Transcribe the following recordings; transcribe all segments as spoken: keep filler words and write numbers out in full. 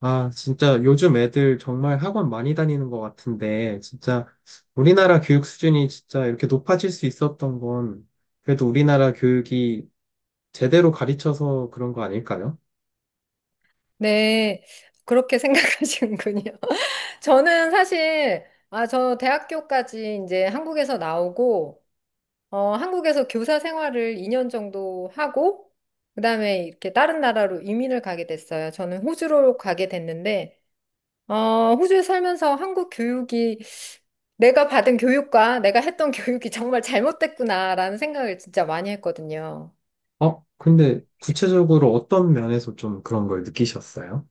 아, 진짜 요즘 애들 정말 학원 많이 다니는 것 같은데, 진짜 우리나라 교육 수준이 진짜 이렇게 높아질 수 있었던 건 그래도 우리나라 교육이 제대로 가르쳐서 그런 거 아닐까요? 네, 그렇게 생각하시는군요. 저는 사실, 아, 저 대학교까지 이제 한국에서 나오고, 어, 한국에서 교사 생활을 이 년 정도 하고, 그다음에 이렇게 다른 나라로 이민을 가게 됐어요. 저는 호주로 가게 됐는데, 어, 호주에 살면서 한국 교육이 내가 받은 교육과 내가 했던 교육이 정말 잘못됐구나라는 생각을 진짜 많이 했거든요. 어, 근데 구체적으로 어떤 면에서 좀 그런 걸 느끼셨어요?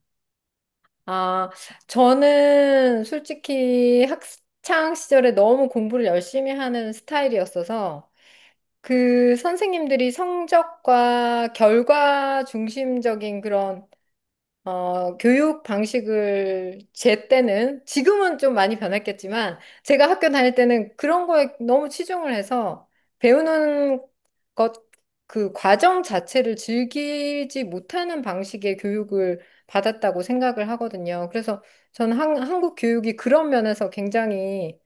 아, 저는 솔직히 학창 시절에 너무 공부를 열심히 하는 스타일이었어서 그 선생님들이 성적과 결과 중심적인 그런 어, 교육 방식을 제 때는 지금은 좀 많이 변했겠지만 제가 학교 다닐 때는 그런 거에 너무 치중을 해서 배우는 것 그 과정 자체를 즐기지 못하는 방식의 교육을 받았다고 생각을 하거든요. 그래서 저는 한, 한국 교육이 그런 면에서 굉장히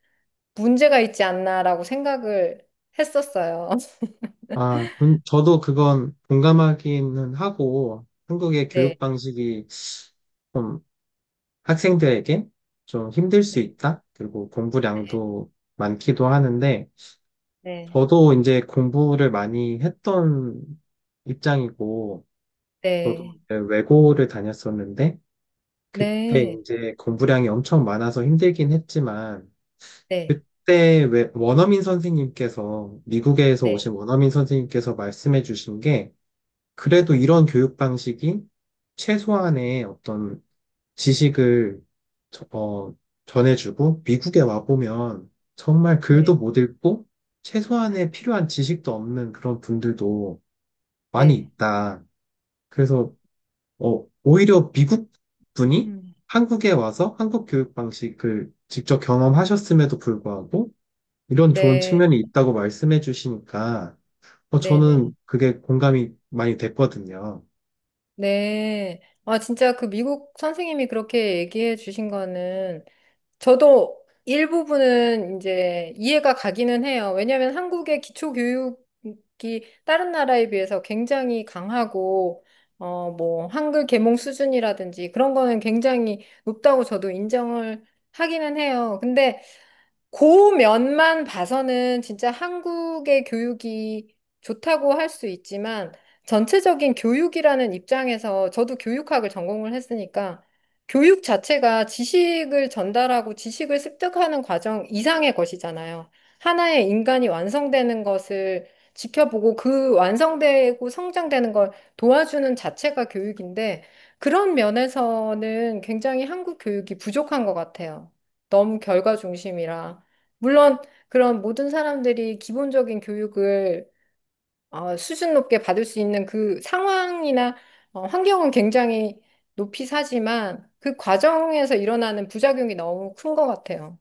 문제가 있지 않나라고 생각을 했었어요. 아, 음, 저도 그건 공감하기는 하고 한국의 교육 네. 방식이 좀 학생들에게 좀 힘들 네. 수 있다. 그리고 공부량도 많기도 하는데, 네. 저도 이제 공부를 많이 했던 입장이고, 저도 네. 이제 외고를 다녔었는데, 그때 네. 이제 공부량이 엄청 많아서 힘들긴 했지만, 네. 그때 왜 원어민 선생님께서, 미국에서 네. 오신 원어민 선생님께서 말씀해 주신 게, 그래도 이런 교육 방식이 최소한의 어떤 지식을 저- 어, 전해주고 미국에 와보면 정말 네. 네. 글도 못 읽고 최소한의 필요한 지식도 없는 그런 분들도 많이 네. 있다. 그래서 어, 오히려 미국 분이 음. 한국에 와서 한국 교육 방식을 직접 경험하셨음에도 불구하고 이런 좋은 네, 측면이 있다고 말씀해 주시니까 어, 네, 네. 저는 그게 공감이 많이 됐거든요. 네. 아, 진짜 그 미국 선생님이 그렇게 얘기해 주신 거는 저도 일부분은 이제 이해가 가기는 해요. 왜냐하면 한국의 기초 교육이 다른 나라에 비해서 굉장히 강하고 어, 뭐 한글 계몽 수준이라든지 그런 거는 굉장히 높다고 저도 인정을 하기는 해요. 근데 그 면만 봐서는 진짜 한국의 교육이 좋다고 할 수 있지만 전체적인 교육이라는 입장에서 저도 교육학을 전공을 했으니까 교육 자체가 지식을 전달하고 지식을 습득하는 과정 이상의 것이잖아요. 하나의 인간이 완성되는 것을 지켜보고 그 완성되고 성장되는 걸 도와주는 자체가 교육인데 그런 면에서는 굉장히 한국 교육이 부족한 것 같아요. 너무 결과 중심이라. 물론 그런 모든 사람들이 기본적인 교육을 어, 수준 높게 받을 수 있는 그 상황이나 어, 환경은 굉장히 높이 사지만 그 과정에서 일어나는 부작용이 너무 큰 것 같아요.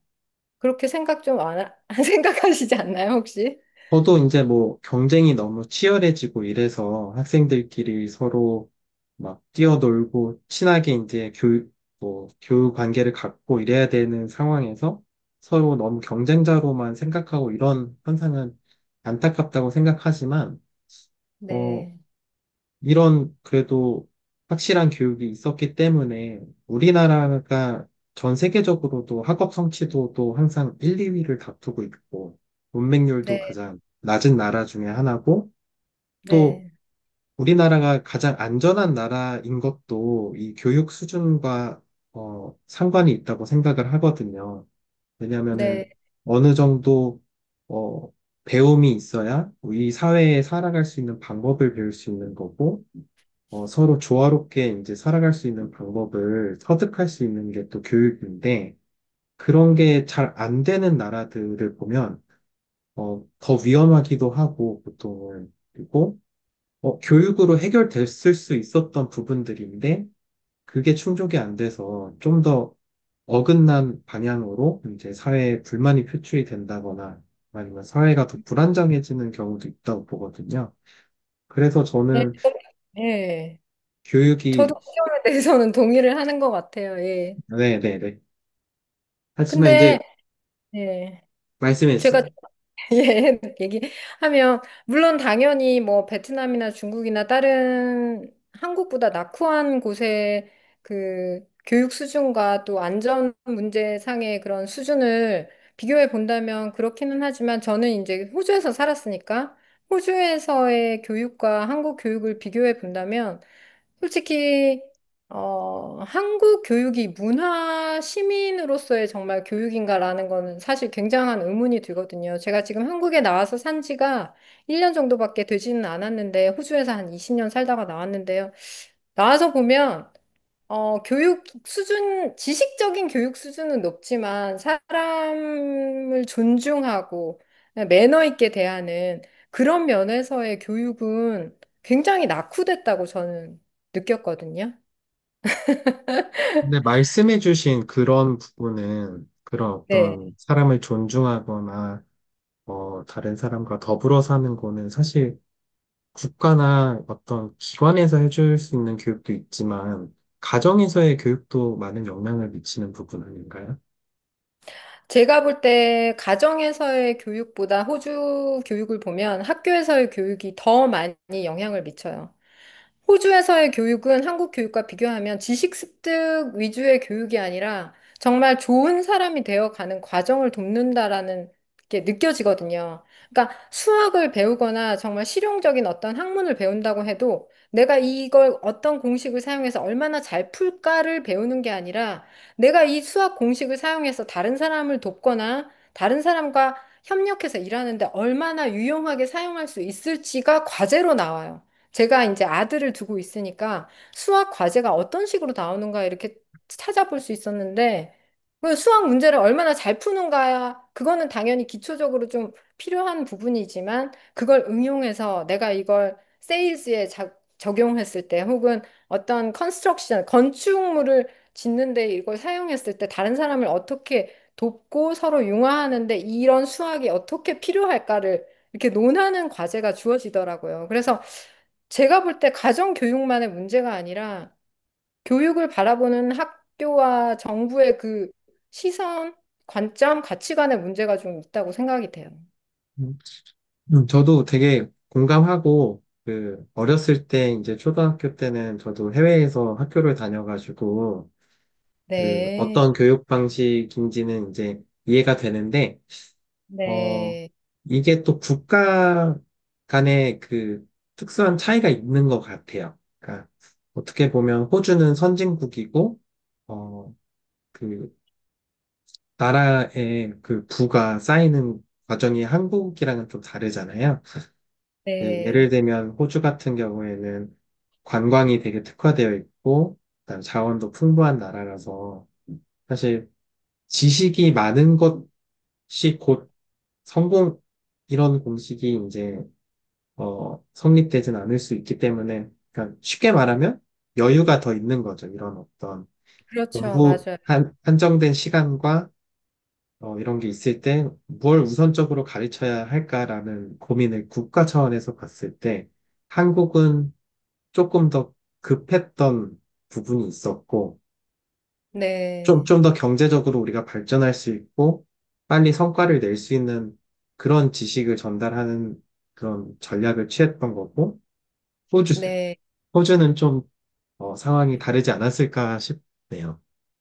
그렇게 생각 좀 안, 하- 생각하시지 않나요, 혹시? 저도 이제 뭐 경쟁이 너무 치열해지고 이래서 학생들끼리 서로 막 뛰어놀고 친하게 이제 교육, 뭐 교육 관계를 갖고 이래야 되는 상황에서 서로 너무 경쟁자로만 생각하고 이런 현상은 안타깝다고 생각하지만, 어, 네, 이런 그래도 확실한 교육이 있었기 때문에 우리나라가 전 세계적으로도 학업 성취도도 항상 일, 이 위를 다투고 있고 문맹률도 네, 가장 낮은 나라 중에 하나고 또 네, 우리나라가 가장 안전한 나라인 것도 이 교육 수준과 어, 상관이 있다고 생각을 하거든요. 네, 왜냐하면은 어느 정도 어, 배움이 있어야 이 사회에 살아갈 수 있는 방법을 배울 수 있는 거고 어, 서로 조화롭게 이제 살아갈 수 있는 방법을 터득할 수 있는 게 또 교육인데, 그런 게 잘 안 되는 나라들을 보면, 어, 더 위험하기도 하고, 보통은. 그리고, 어, 교육으로 해결됐을 수 있었던 부분들인데, 그게 충족이 안 돼서 좀 더 어긋난 방향으로 이제 사회에 불만이 표출이 된다거나, 아니면 사회가 더 불안정해지는 경우도 있다고 보거든요. 그래서 네, 저는 네. 교육이, 저도 그 점에 대해서는 동의를 하는 것 같아요. 예. 네네네. 하지만 근데 이제 예. 말씀해주 제가 요 예, 얘기하면 물론 당연히 뭐 베트남이나 중국이나 다른 한국보다 낙후한 곳의 그 교육 수준과 또 안전 문제상의 그런 수준을 비교해 본다면 그렇기는 하지만 저는 이제 호주에서 살았으니까 호주에서의 교육과 한국 교육을 비교해 본다면 솔직히 어, 한국 교육이 문화 시민으로서의 정말 교육인가라는 거는 사실 굉장한 의문이 들거든요. 제가 지금 한국에 나와서 산 지가 일 년 정도밖에 되지는 않았는데 호주에서 한 이십 년 살다가 나왔는데요. 나와서 보면 어, 교육 수준, 지식적인 교육 수준은 높지만 사람을 존중하고 네, 매너 있게 대하는 그런 면에서의 교육은 굉장히 낙후됐다고 저는 느꼈거든요. 근데 말씀해주신 그런 부분은 그런 네. 어떤 사람을 존중하거나 어, 다른 사람과 더불어 사는 거는 사실 국가나 어떤 기관에서 해줄 수 있는 교육도 있지만 가정에서의 교육도 많은 영향을 미치는 부분 아닌가요? 제가 볼 때 가정에서의 교육보다 호주 교육을 보면 학교에서의 교육이 더 많이 영향을 미쳐요. 호주에서의 교육은 한국 교육과 비교하면 지식 습득 위주의 교육이 아니라 정말 좋은 사람이 되어가는 과정을 돕는다라는 게 느껴지거든요. 그러니까 수학을 배우거나 정말 실용적인 어떤 학문을 배운다고 해도 내가 이걸 어떤 공식을 사용해서 얼마나 잘 풀까를 배우는 게 아니라 내가 이 수학 공식을 사용해서 다른 사람을 돕거나 다른 사람과 협력해서 일하는데 얼마나 유용하게 사용할 수 있을지가 과제로 나와요. 제가 이제 아들을 두고 있으니까 수학 과제가 어떤 식으로 나오는가 이렇게 찾아볼 수 있었는데 그 수학 문제를 얼마나 잘 푸는가야 그거는 당연히 기초적으로 좀 필요한 부분이지만 그걸 응용해서 내가 이걸 세일즈에 자- 적용했을 때 혹은 어떤 컨스트럭션 건축물을 짓는데 이걸 사용했을 때 다른 사람을 어떻게 돕고 서로 융화하는데 이런 수학이 어떻게 필요할까를 이렇게 논하는 과제가 주어지더라고요. 그래서 제가 볼 때 가정 교육만의 문제가 아니라 교육을 바라보는 학교와 정부의 그 시선, 관점, 가치관의 문제가 좀 있다고 생각이 돼요. 음. 음, 저도 되게 공감하고 그 어렸을 때 이제 초등학교 때는 저도 해외에서 학교를 다녀가지고 그 네, 어떤 교육 방식인지는 이제 이해가 되는데 어, 네, 이게 또 국가 간의 그 특수한 차이가 있는 것 같아요. 그러니까 어떻게 보면 호주는 선진국이고, 어, 그 나라의 그 부가 쌓이는 과정이 한국이랑은 좀 다르잖아요. 예, 예를 네. 들면 호주 같은 경우에는 관광이 되게 특화되어 있고, 그다음 자원도 풍부한 나라라서 사실 지식이 많은 것이 곧 성공, 이런 공식이 이제 어, 성립되진 않을 수 있기 때문에, 그러니까 쉽게 말하면 여유가 더 있는 거죠. 이런 어떤 그렇죠. 공부 맞아요. 한, 한정된 시간과 어, 이런 게 있을 때 뭘 우선적으로 가르쳐야 할까라는 고민을 국가 차원에서 봤을 때 한국은 조금 더 급했던 부분이 있었고, 좀, 네, 좀 더 경제적으로 우리가 발전할 수 있고, 빨리 성과를 낼 수 있는 그런 지식을 전달하는 그런 전략을 취했던 거고, 호주, 네. 호주는 좀 어, 상황이 다르지 않았을까 싶네요.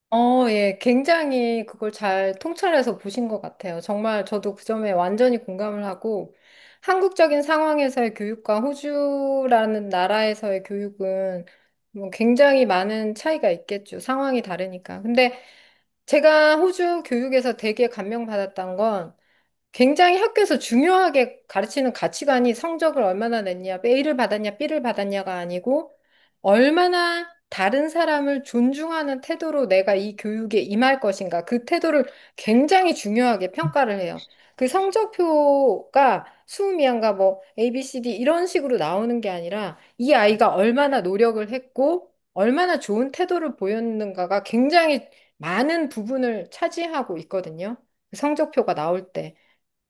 어, 예, 굉장히 그걸 잘 통찰해서 보신 것 같아요. 정말 저도 그 점에 완전히 공감을 하고, 한국적인 상황에서의 교육과 호주라는 나라에서의 교육은 뭐 굉장히 많은 차이가 있겠죠. 상황이 다르니까. 근데 제가 호주 교육에서 되게 감명받았던 건 굉장히 학교에서 중요하게 가르치는 가치관이 성적을 얼마나 냈냐, A를 받았냐, B를 받았냐가 아니고 얼마나 다른 사람을 존중하는 태도로 내가 이 교육에 임할 것인가. 그 태도를 굉장히 중요하게 평가를 해요. 그 성적표가 수음이한가 뭐 에이, 비, 씨, 디 이런 식으로 나오는 게 아니라 이 아이가 얼마나 노력을 했고 얼마나 좋은 태도를 보였는가가 굉장히 많은 부분을 차지하고 있거든요. 그 성적표가 나올 때.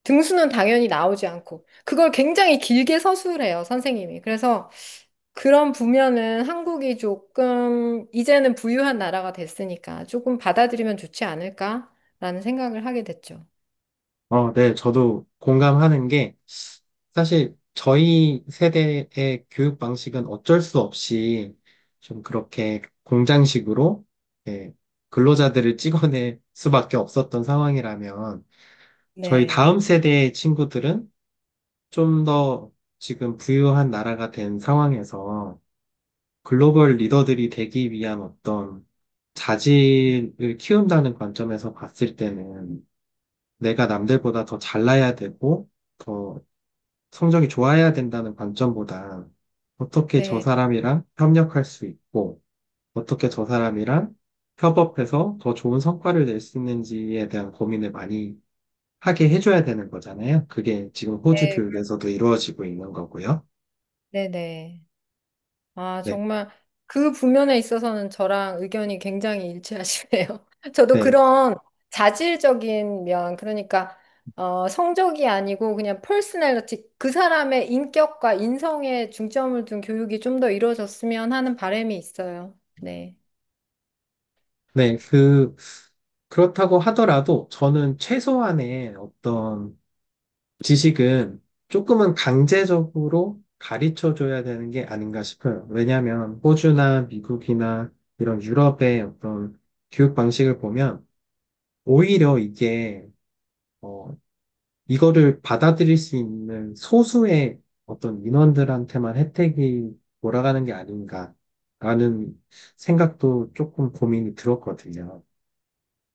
등수는 당연히 나오지 않고 그걸 굉장히 길게 서술해요, 선생님이. 그래서 그런 부면은 한국이 조금 이제는 부유한 나라가 됐으니까 조금 받아들이면 좋지 않을까라는 생각을 하게 됐죠. 어, 네, 저도 공감하는 게 사실 저희 세대의 교육 방식은 어쩔 수 없이 좀 그렇게 공장식으로 예, 근로자들을 찍어낼 수밖에 없었던 상황이라면 저희 다음 네. 세대의 친구들은 좀 더 지금 부유한 나라가 된 상황에서 글로벌 리더들이 되기 위한 어떤 자질을 키운다는 관점에서 봤을 때는 내가 남들보다 더 잘나야 되고 더 성적이 좋아야 된다는 관점보다 어떻게 저 네. 사람이랑 협력할 수 있고 어떻게 저 사람이랑 협업해서 더 좋은 성과를 낼 수 있는지에 대한 고민을 많이 하게 해줘야 되는 거잖아요. 그게 지금 호주 네. 교육에서도 이루어지고 있는 거고요. 네. 네. 아, 네, 정말 그 부면에 있어서는 저랑 의견이 굉장히 일치하시네요. 저도 네, 그런 자질적인 면, 그러니까 어, 성적이 아니고 그냥 퍼스널리티, 그 사람의 인격과 인성에 중점을 둔 교육이 좀 더 이루어졌으면 하는 바람이 있어요. 네. 네, 그 그렇다고 하더라도 저는 최소한의 어떤 지식은 조금은 강제적으로 가르쳐 줘야 되는 게 아닌가 싶어요. 왜냐하면 호주나 미국이나 이런 유럽의 어떤 교육 방식을 보면 오히려 이게 어, 이거를 받아들일 수 있는 소수의 어떤 인원들한테만 혜택이 돌아가는 게 아닌가라는 생각도 조금 고민이 들었거든요.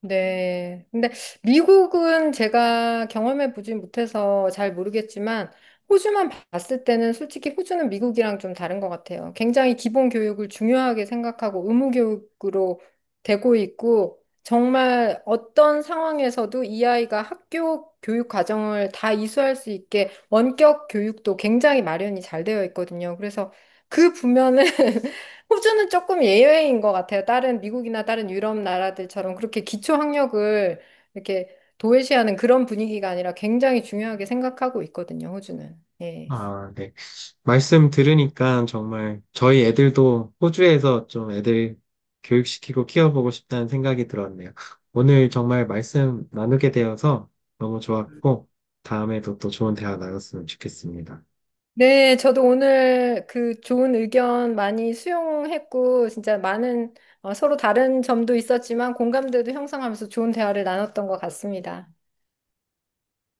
네. 근데 미국은 제가 경험해 보진 못해서 잘 모르겠지만 호주만 봤을 때는 솔직히 호주는 미국이랑 좀 다른 것 같아요. 굉장히 기본 교육을 중요하게 생각하고 의무 교육으로 되고 있고 정말 어떤 상황에서도 이 아이가 학교 교육 과정을 다 이수할 수 있게 원격 교육도 굉장히 마련이 잘 되어 있거든요. 그래서 그 부면은 호주는 조금 예외인 것 같아요. 다른 미국이나 다른 유럽 나라들처럼 그렇게 기초 학력을 이렇게 도외시하는 그런 분위기가 아니라 굉장히 중요하게 생각하고 있거든요, 호주는. 예. 아, 네. 말씀 들으니까 정말 저희 애들도 호주에서 좀 애들 교육시키고 키워보고 싶다는 생각이 들었네요. 오늘 정말 말씀 나누게 되어서 너무 좋았고, 다음에도 또 좋은 대화 나눴으면 좋겠습니다. 네, 저도 오늘 그 좋은 의견 많이 수용했고, 진짜 많은 어, 서로 다른 점도 있었지만 공감대도 형성하면서 좋은 대화를 나눴던 것 같습니다.